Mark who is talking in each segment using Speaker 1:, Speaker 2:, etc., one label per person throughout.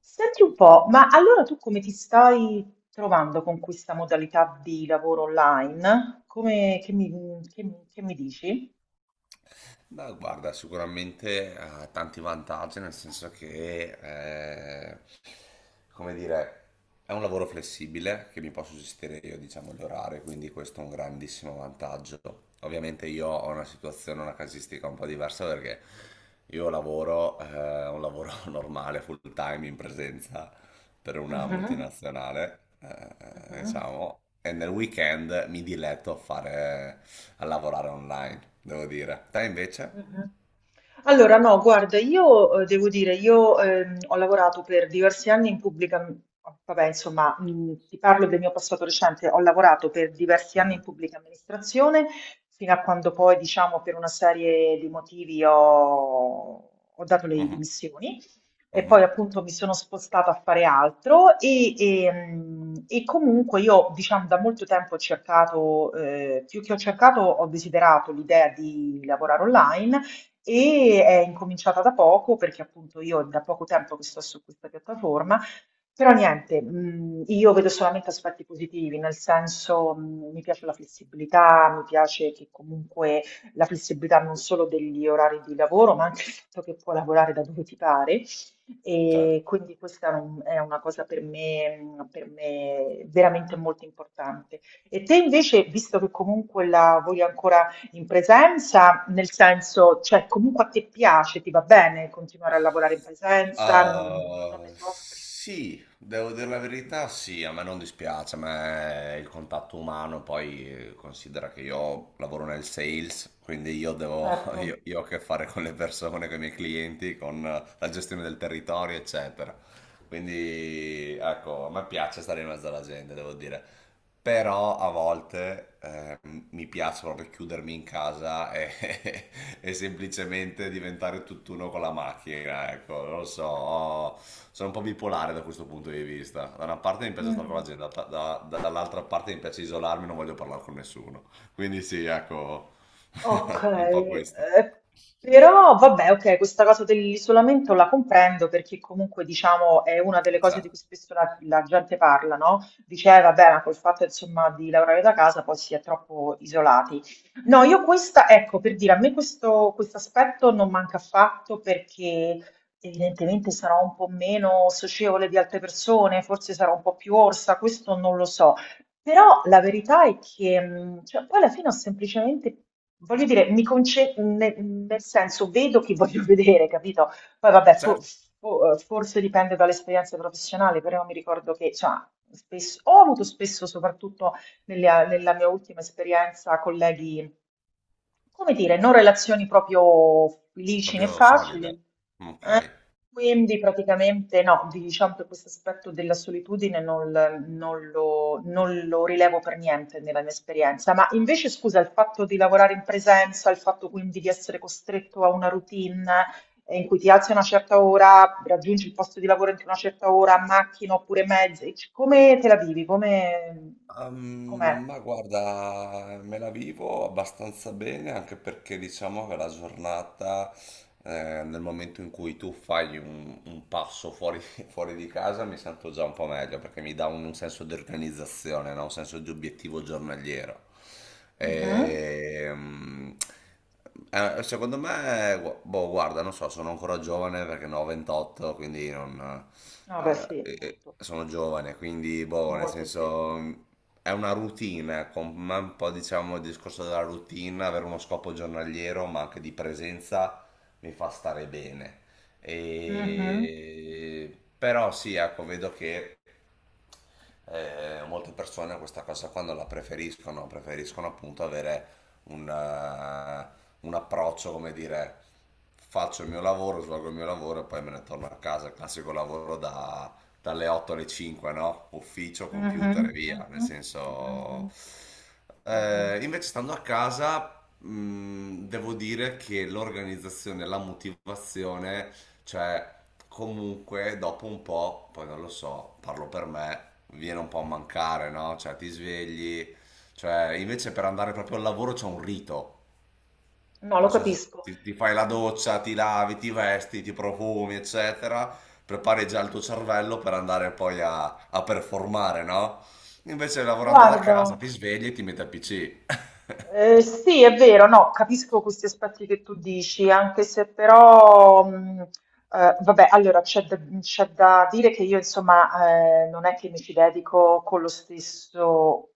Speaker 1: Senti un po', ma allora tu come ti stai trovando con questa modalità di lavoro online? Come, che mi dici?
Speaker 2: Beh, guarda, sicuramente ha tanti vantaggi, nel senso che, come dire, è un lavoro flessibile che mi posso gestire io, diciamo, gli orari, quindi questo è un grandissimo vantaggio. Ovviamente io ho una situazione, una casistica un po' diversa perché io lavoro, un lavoro normale, full time, in presenza, per una
Speaker 1: Mhm,
Speaker 2: multinazionale,
Speaker 1: mhm,
Speaker 2: diciamo, e nel weekend mi diletto a lavorare online, devo dire. Te invece?
Speaker 1: mhm. Allora, no, guarda, io devo dire, io ho lavorato per diversi anni in pubblica, vabbè, insomma, ti parlo del mio passato recente, ho lavorato per diversi anni
Speaker 2: Mhm.
Speaker 1: in pubblica amministrazione, fino a quando poi, diciamo, per una serie di motivi ho, ho dato le
Speaker 2: Mhm.
Speaker 1: dimissioni. E
Speaker 2: Mhm.
Speaker 1: poi appunto mi sono spostata a fare altro e, e comunque io diciamo da molto tempo ho cercato, più che ho cercato, ho desiderato l'idea di lavorare online e è incominciata da poco perché appunto io è da poco tempo che sto su questa piattaforma. Però niente, io vedo solamente aspetti positivi, nel senso mi piace la flessibilità, mi piace che comunque la flessibilità non solo degli orari di lavoro, ma anche il fatto che puoi lavorare da dove ti pare.
Speaker 2: Cioè.
Speaker 1: E quindi questa è una cosa per me veramente molto importante. E te invece, visto che comunque la vuoi ancora in presenza, nel senso, cioè comunque a te piace, ti va bene continuare a lavorare in presenza, non ne
Speaker 2: Ah,
Speaker 1: soffri?
Speaker 2: sì, devo dire la verità, sì, a me non dispiace, a me il contatto umano, poi considera che io lavoro nel sales, quindi
Speaker 1: Certo.
Speaker 2: io ho a che fare con le persone, con i miei clienti, con la gestione del territorio, eccetera. Quindi, ecco, a me piace stare in mezzo alla gente, devo dire, però a volte mi piace proprio chiudermi in casa e, e semplicemente diventare tutt'uno con la macchina, ecco, non lo so, sono un po' bipolare da questo punto di vista. Da una parte mi piace stare con la
Speaker 1: Mm.
Speaker 2: gente, dall'altra parte mi piace isolarmi, non voglio parlare con nessuno. Quindi sì, ecco,
Speaker 1: Ok,
Speaker 2: è un po' questo.
Speaker 1: però vabbè, ok, questa cosa dell'isolamento la comprendo perché comunque diciamo è una delle cose di
Speaker 2: Certo,
Speaker 1: cui spesso la gente parla, no? Diceva, vabbè, ma col fatto insomma di lavorare da casa poi si è troppo isolati. No, io questa, ecco, per dire, a me questo aspetto non manca affatto perché evidentemente sarò un po' meno socievole di altre persone, forse sarò un po' più orsa, questo non lo so. Però la verità è che, cioè poi alla fine ho semplicemente voglio dire, mi conce ne nel senso, vedo chi voglio vedere, capito? Poi vabbè, fo
Speaker 2: certo,
Speaker 1: fo forse dipende dall'esperienza professionale, però mi ricordo che, insomma, spess ho avuto spesso, soprattutto nelle a nella mia ultima esperienza, colleghi, come dire, non relazioni proprio licine e
Speaker 2: proprio solide.
Speaker 1: facili.
Speaker 2: Ok.
Speaker 1: Quindi praticamente no, diciamo che questo aspetto della solitudine non lo, non lo rilevo per niente nella mia esperienza, ma invece scusa, il fatto di lavorare in presenza, il fatto quindi di essere costretto a una routine in cui ti alzi a una certa ora, raggiungi il posto di lavoro entro una certa ora, a macchina oppure mezzi, come te la vivi? Come, com'è?
Speaker 2: Ma guarda, me la vivo abbastanza bene anche perché diciamo che la giornata, nel momento in cui tu fai un passo fuori, fuori di casa, mi sento già un po' meglio perché mi dà un senso di organizzazione, no? Un senso di obiettivo giornaliero.
Speaker 1: Mhm.
Speaker 2: Ehm, secondo me, boh, guarda, non so, sono ancora giovane perché ne ho 28, quindi non
Speaker 1: No, beh sì, molto,
Speaker 2: sono giovane, quindi boh, nel
Speaker 1: molto sì.
Speaker 2: senso è una routine, ecco, ma un po' diciamo il discorso della routine, avere uno scopo giornaliero, ma anche di presenza mi fa stare bene.
Speaker 1: Mhm,
Speaker 2: Però sì, ecco, vedo che molte persone questa cosa qua non la preferiscono, preferiscono appunto avere un, eh, un approccio, come dire, faccio il mio lavoro, svolgo il mio lavoro e poi me ne torno a casa, il classico lavoro dalle 8 alle 5, no? Ufficio, computer e
Speaker 1: mhm,
Speaker 2: via, nel
Speaker 1: mhm,
Speaker 2: senso.
Speaker 1: mhm. Mh-mh.
Speaker 2: Invece stando a casa, devo dire che l'organizzazione, la motivazione, cioè, comunque, dopo un po', poi non lo so, parlo per me, viene un po' a mancare, no? Cioè, ti svegli, cioè, invece per andare proprio al lavoro c'è un rito.
Speaker 1: No, lo
Speaker 2: Non so se
Speaker 1: capisco.
Speaker 2: ti fai la doccia, ti lavi, ti vesti, ti profumi, eccetera, prepari già il tuo cervello per andare poi a performare, no? Invece lavorando da
Speaker 1: Guarda,
Speaker 2: casa ti svegli e ti metti al PC.
Speaker 1: eh, sì, è vero, no, capisco questi aspetti che tu dici, anche se però, vabbè, allora c'è da dire che io, insomma, non è che mi ci dedico con lo stesso,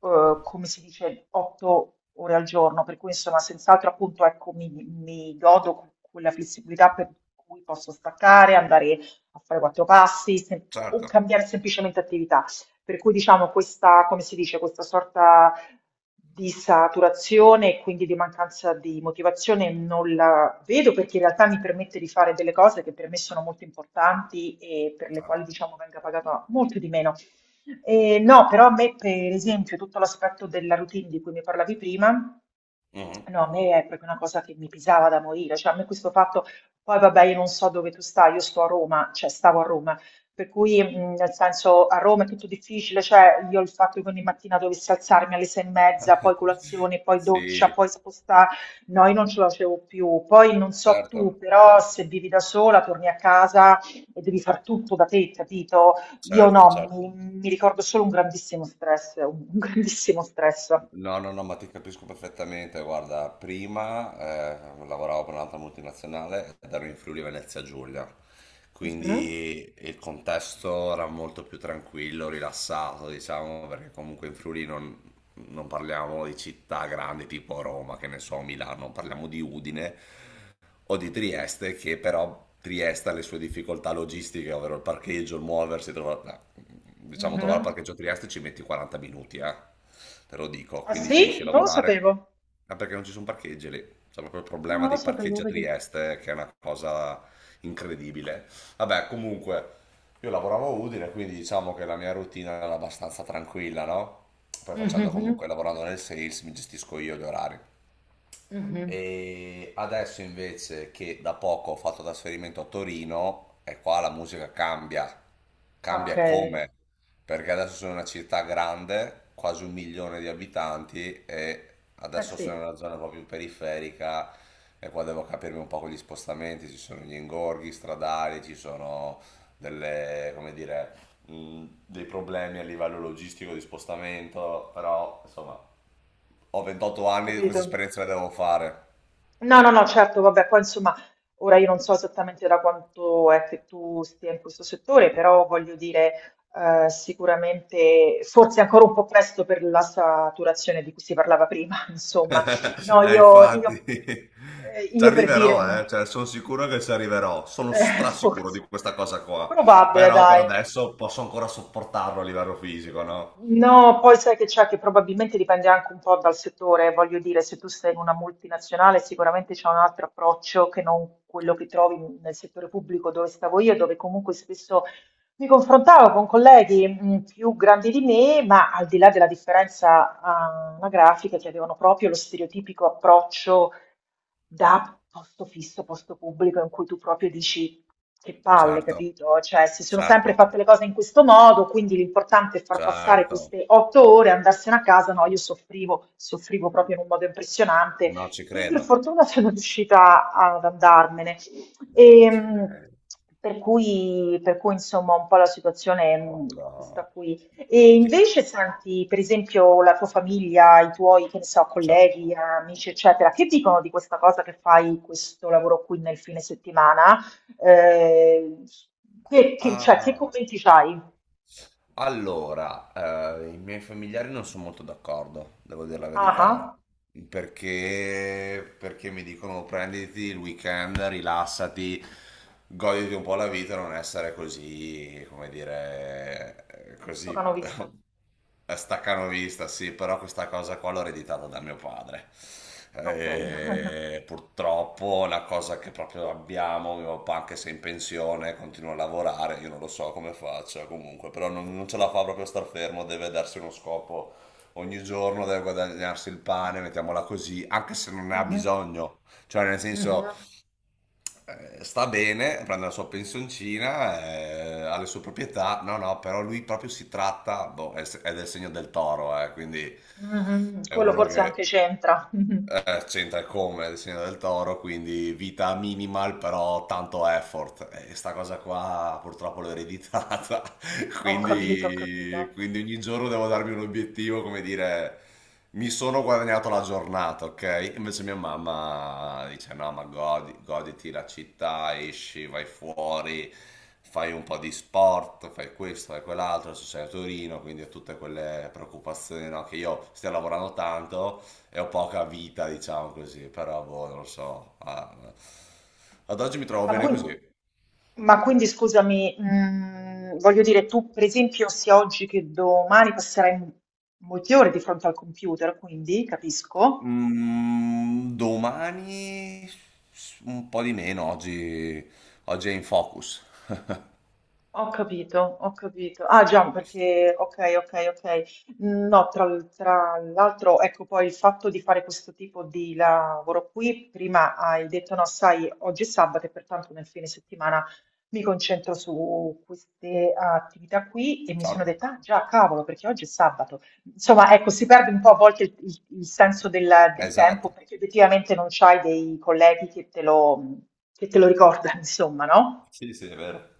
Speaker 1: come si dice, 8 ore al giorno, per cui, insomma, senz'altro, appunto, ecco, mi godo quella flessibilità per cui posso staccare, andare a fare quattro passi, o
Speaker 2: Certo,
Speaker 1: cambiare semplicemente attività. Per cui diciamo questa, come si dice, questa sorta di saturazione e quindi di mancanza di motivazione non la vedo perché in realtà mi permette di fare delle cose che per me sono molto importanti e per le
Speaker 2: certo.
Speaker 1: quali diciamo venga pagata molto di meno. No, però a me per esempio tutto l'aspetto della routine di cui mi parlavi prima,
Speaker 2: Mhm.
Speaker 1: no, a me è proprio una cosa che mi pesava da morire, cioè a me questo fatto, poi vabbè io non so dove tu stai, io sto a Roma, cioè stavo a Roma, per cui, nel senso, a Roma è tutto difficile, cioè io il fatto che ogni mattina dovessi alzarmi alle 6:30, poi colazione, poi doccia,
Speaker 2: Sì,
Speaker 1: poi spostare, no, io non ce la facevo più. Poi non so tu,
Speaker 2: certo,
Speaker 1: però
Speaker 2: certo,
Speaker 1: se vivi da sola, torni a casa e devi far tutto da te, capito? Io
Speaker 2: certo,
Speaker 1: no,
Speaker 2: certo.
Speaker 1: mi ricordo solo un grandissimo stress, un grandissimo stress.
Speaker 2: No, no, no, ma ti capisco perfettamente. Guarda, prima lavoravo per un'altra multinazionale ed ero in Friuli Venezia Giulia,
Speaker 1: Mhm,
Speaker 2: quindi il contesto era molto più tranquillo, rilassato, diciamo, perché comunque in Friuli non parliamo di città grandi tipo Roma, che ne so, Milano, parliamo di Udine o di Trieste, che però Trieste ha le sue difficoltà logistiche, ovvero il parcheggio, il muoversi, no, diciamo trovare il
Speaker 1: mhm.
Speaker 2: parcheggio a Trieste ci metti 40 minuti, te lo dico,
Speaker 1: Ah
Speaker 2: quindi finisci a
Speaker 1: sì? Non lo
Speaker 2: lavorare,
Speaker 1: sapevo.
Speaker 2: ma perché non ci sono parcheggi lì, c'è proprio il
Speaker 1: No,
Speaker 2: problema
Speaker 1: non lo
Speaker 2: dei
Speaker 1: sapevo,
Speaker 2: parcheggi a
Speaker 1: vedi.
Speaker 2: Trieste, che è una cosa incredibile. Vabbè, comunque. Io lavoravo a Udine, quindi diciamo che la mia routine era abbastanza tranquilla, no? Poi facendo
Speaker 1: Mhm,
Speaker 2: comunque, lavorando nel sales, mi gestisco io gli orari.
Speaker 1: mhm.
Speaker 2: E adesso invece che da poco ho fatto trasferimento a Torino, e qua la musica cambia, cambia
Speaker 1: Ok,
Speaker 2: e
Speaker 1: eh
Speaker 2: come, perché adesso sono una città grande, quasi un milione di abitanti, e adesso sono in
Speaker 1: sì,
Speaker 2: una zona proprio periferica e qua devo capirmi un po' con gli spostamenti, ci sono gli ingorghi stradali, ci sono delle, come dire, dei problemi a livello logistico di spostamento, però insomma ho 28
Speaker 1: ho
Speaker 2: anni, queste
Speaker 1: capito.
Speaker 2: esperienze le devo fare.
Speaker 1: No, no, no, certo, vabbè, poi insomma, ora io non so esattamente da quanto è che tu stia in questo settore, però voglio dire, sicuramente, forse è ancora un po' presto per la saturazione di cui si parlava prima, insomma. No,
Speaker 2: Infatti, ci
Speaker 1: io per dire,
Speaker 2: arriverò, cioè, sono sicuro che ci arriverò, sono strasicuro di
Speaker 1: forse,
Speaker 2: questa cosa qua,
Speaker 1: probabile,
Speaker 2: però per
Speaker 1: dai.
Speaker 2: adesso posso ancora sopportarlo a livello fisico, no?
Speaker 1: No, poi sai che c'è che probabilmente dipende anche un po' dal settore, voglio dire, se tu sei in una multinazionale sicuramente c'è un altro approccio che non quello che trovi nel settore pubblico dove stavo io, dove comunque spesso mi confrontavo con colleghi più grandi di me, ma al di là della differenza anagrafica che avevano proprio lo stereotipico approccio da posto fisso, posto pubblico, in cui tu proprio dici che palle,
Speaker 2: Certo,
Speaker 1: capito? Cioè, si sono sempre
Speaker 2: certo,
Speaker 1: fatte le cose in questo modo, quindi l'importante è far passare
Speaker 2: certo,
Speaker 1: queste 8 ore, andarsene a casa. No, io soffrivo, soffrivo proprio in un modo impressionante
Speaker 2: no, ci
Speaker 1: e per
Speaker 2: credo,
Speaker 1: fortuna sono riuscita ad andarmene.
Speaker 2: no,
Speaker 1: E,
Speaker 2: ci credo,
Speaker 1: per cui, insomma, un po' la situazione
Speaker 2: ma
Speaker 1: è questa
Speaker 2: guarda,
Speaker 1: qui e
Speaker 2: dico,
Speaker 1: invece senti, per esempio, la tua famiglia, i tuoi, che ne so,
Speaker 2: certo.
Speaker 1: colleghi, amici, eccetera, che dicono di questa cosa che fai questo lavoro qui nel fine settimana? Eh, cioè, che
Speaker 2: Ah.
Speaker 1: commenti c'hai?
Speaker 2: Allora, i miei familiari non sono molto d'accordo, devo dire la
Speaker 1: Ah,
Speaker 2: verità,
Speaker 1: ah,
Speaker 2: perché mi dicono prenditi il weekend, rilassati, goditi un po' la vita, non essere così, come dire,
Speaker 1: sto
Speaker 2: così.
Speaker 1: canovista.
Speaker 2: Staccanovista, sì, però questa cosa qua l'ho ereditata da mio padre.
Speaker 1: Ok.
Speaker 2: E purtroppo è una cosa che proprio abbiamo, mio papà anche se è in pensione continua a lavorare, io non lo so come faccia comunque, però non ce la fa proprio a star fermo, deve darsi uno scopo ogni giorno, deve guadagnarsi il pane, mettiamola così, anche se non ne ha
Speaker 1: Mhm,
Speaker 2: bisogno, cioè, nel senso
Speaker 1: mhm,
Speaker 2: sta bene, prende la sua pensioncina, ha le sue proprietà. No, no, però lui proprio si tratta, boh, è del segno del toro, quindi
Speaker 1: mhm.
Speaker 2: è
Speaker 1: Quello
Speaker 2: uno
Speaker 1: forse
Speaker 2: che.
Speaker 1: anche c'entra.
Speaker 2: C'entra come il segno del toro, quindi vita minimal, però tanto effort. E sta cosa qua purtroppo l'ho ereditata.
Speaker 1: Mhm. Ho capito, ho capito.
Speaker 2: Quindi ogni giorno devo darmi un obiettivo, come dire, mi sono guadagnato la giornata, ok? Invece mia mamma dice: no, ma goditi la città, esci, vai fuori, fai un po' di sport, fai questo, fai quell'altro. Adesso sei a Torino, quindi ho tutte quelle preoccupazioni, no? Che io stia lavorando tanto e ho poca vita, diciamo così, però boh, non lo so. Ah, ad oggi mi trovo
Speaker 1: Ma,
Speaker 2: bene
Speaker 1: quin-
Speaker 2: così.
Speaker 1: ma quindi scusami, mm, voglio dire, tu per esempio sia oggi che domani passerai molte ore di fronte al computer, quindi capisco.
Speaker 2: Domani un po' di meno, oggi. Oggi è in focus.
Speaker 1: Ho capito, ho capito. Ah già, perché ok, ok, ok. No, tra l'altro, ecco poi il fatto di fare questo tipo di lavoro qui, prima hai detto no, sai, oggi è sabato e pertanto nel fine settimana mi concentro su queste attività qui e mi sono
Speaker 2: Ciao.
Speaker 1: detta, ah già, cavolo, perché oggi è sabato. Insomma, ecco, si perde un po' a volte il senso del, del tempo
Speaker 2: Esatto.
Speaker 1: perché effettivamente non c'hai dei colleghi che te lo ricordano, insomma, no?
Speaker 2: Sì, sì, è vero.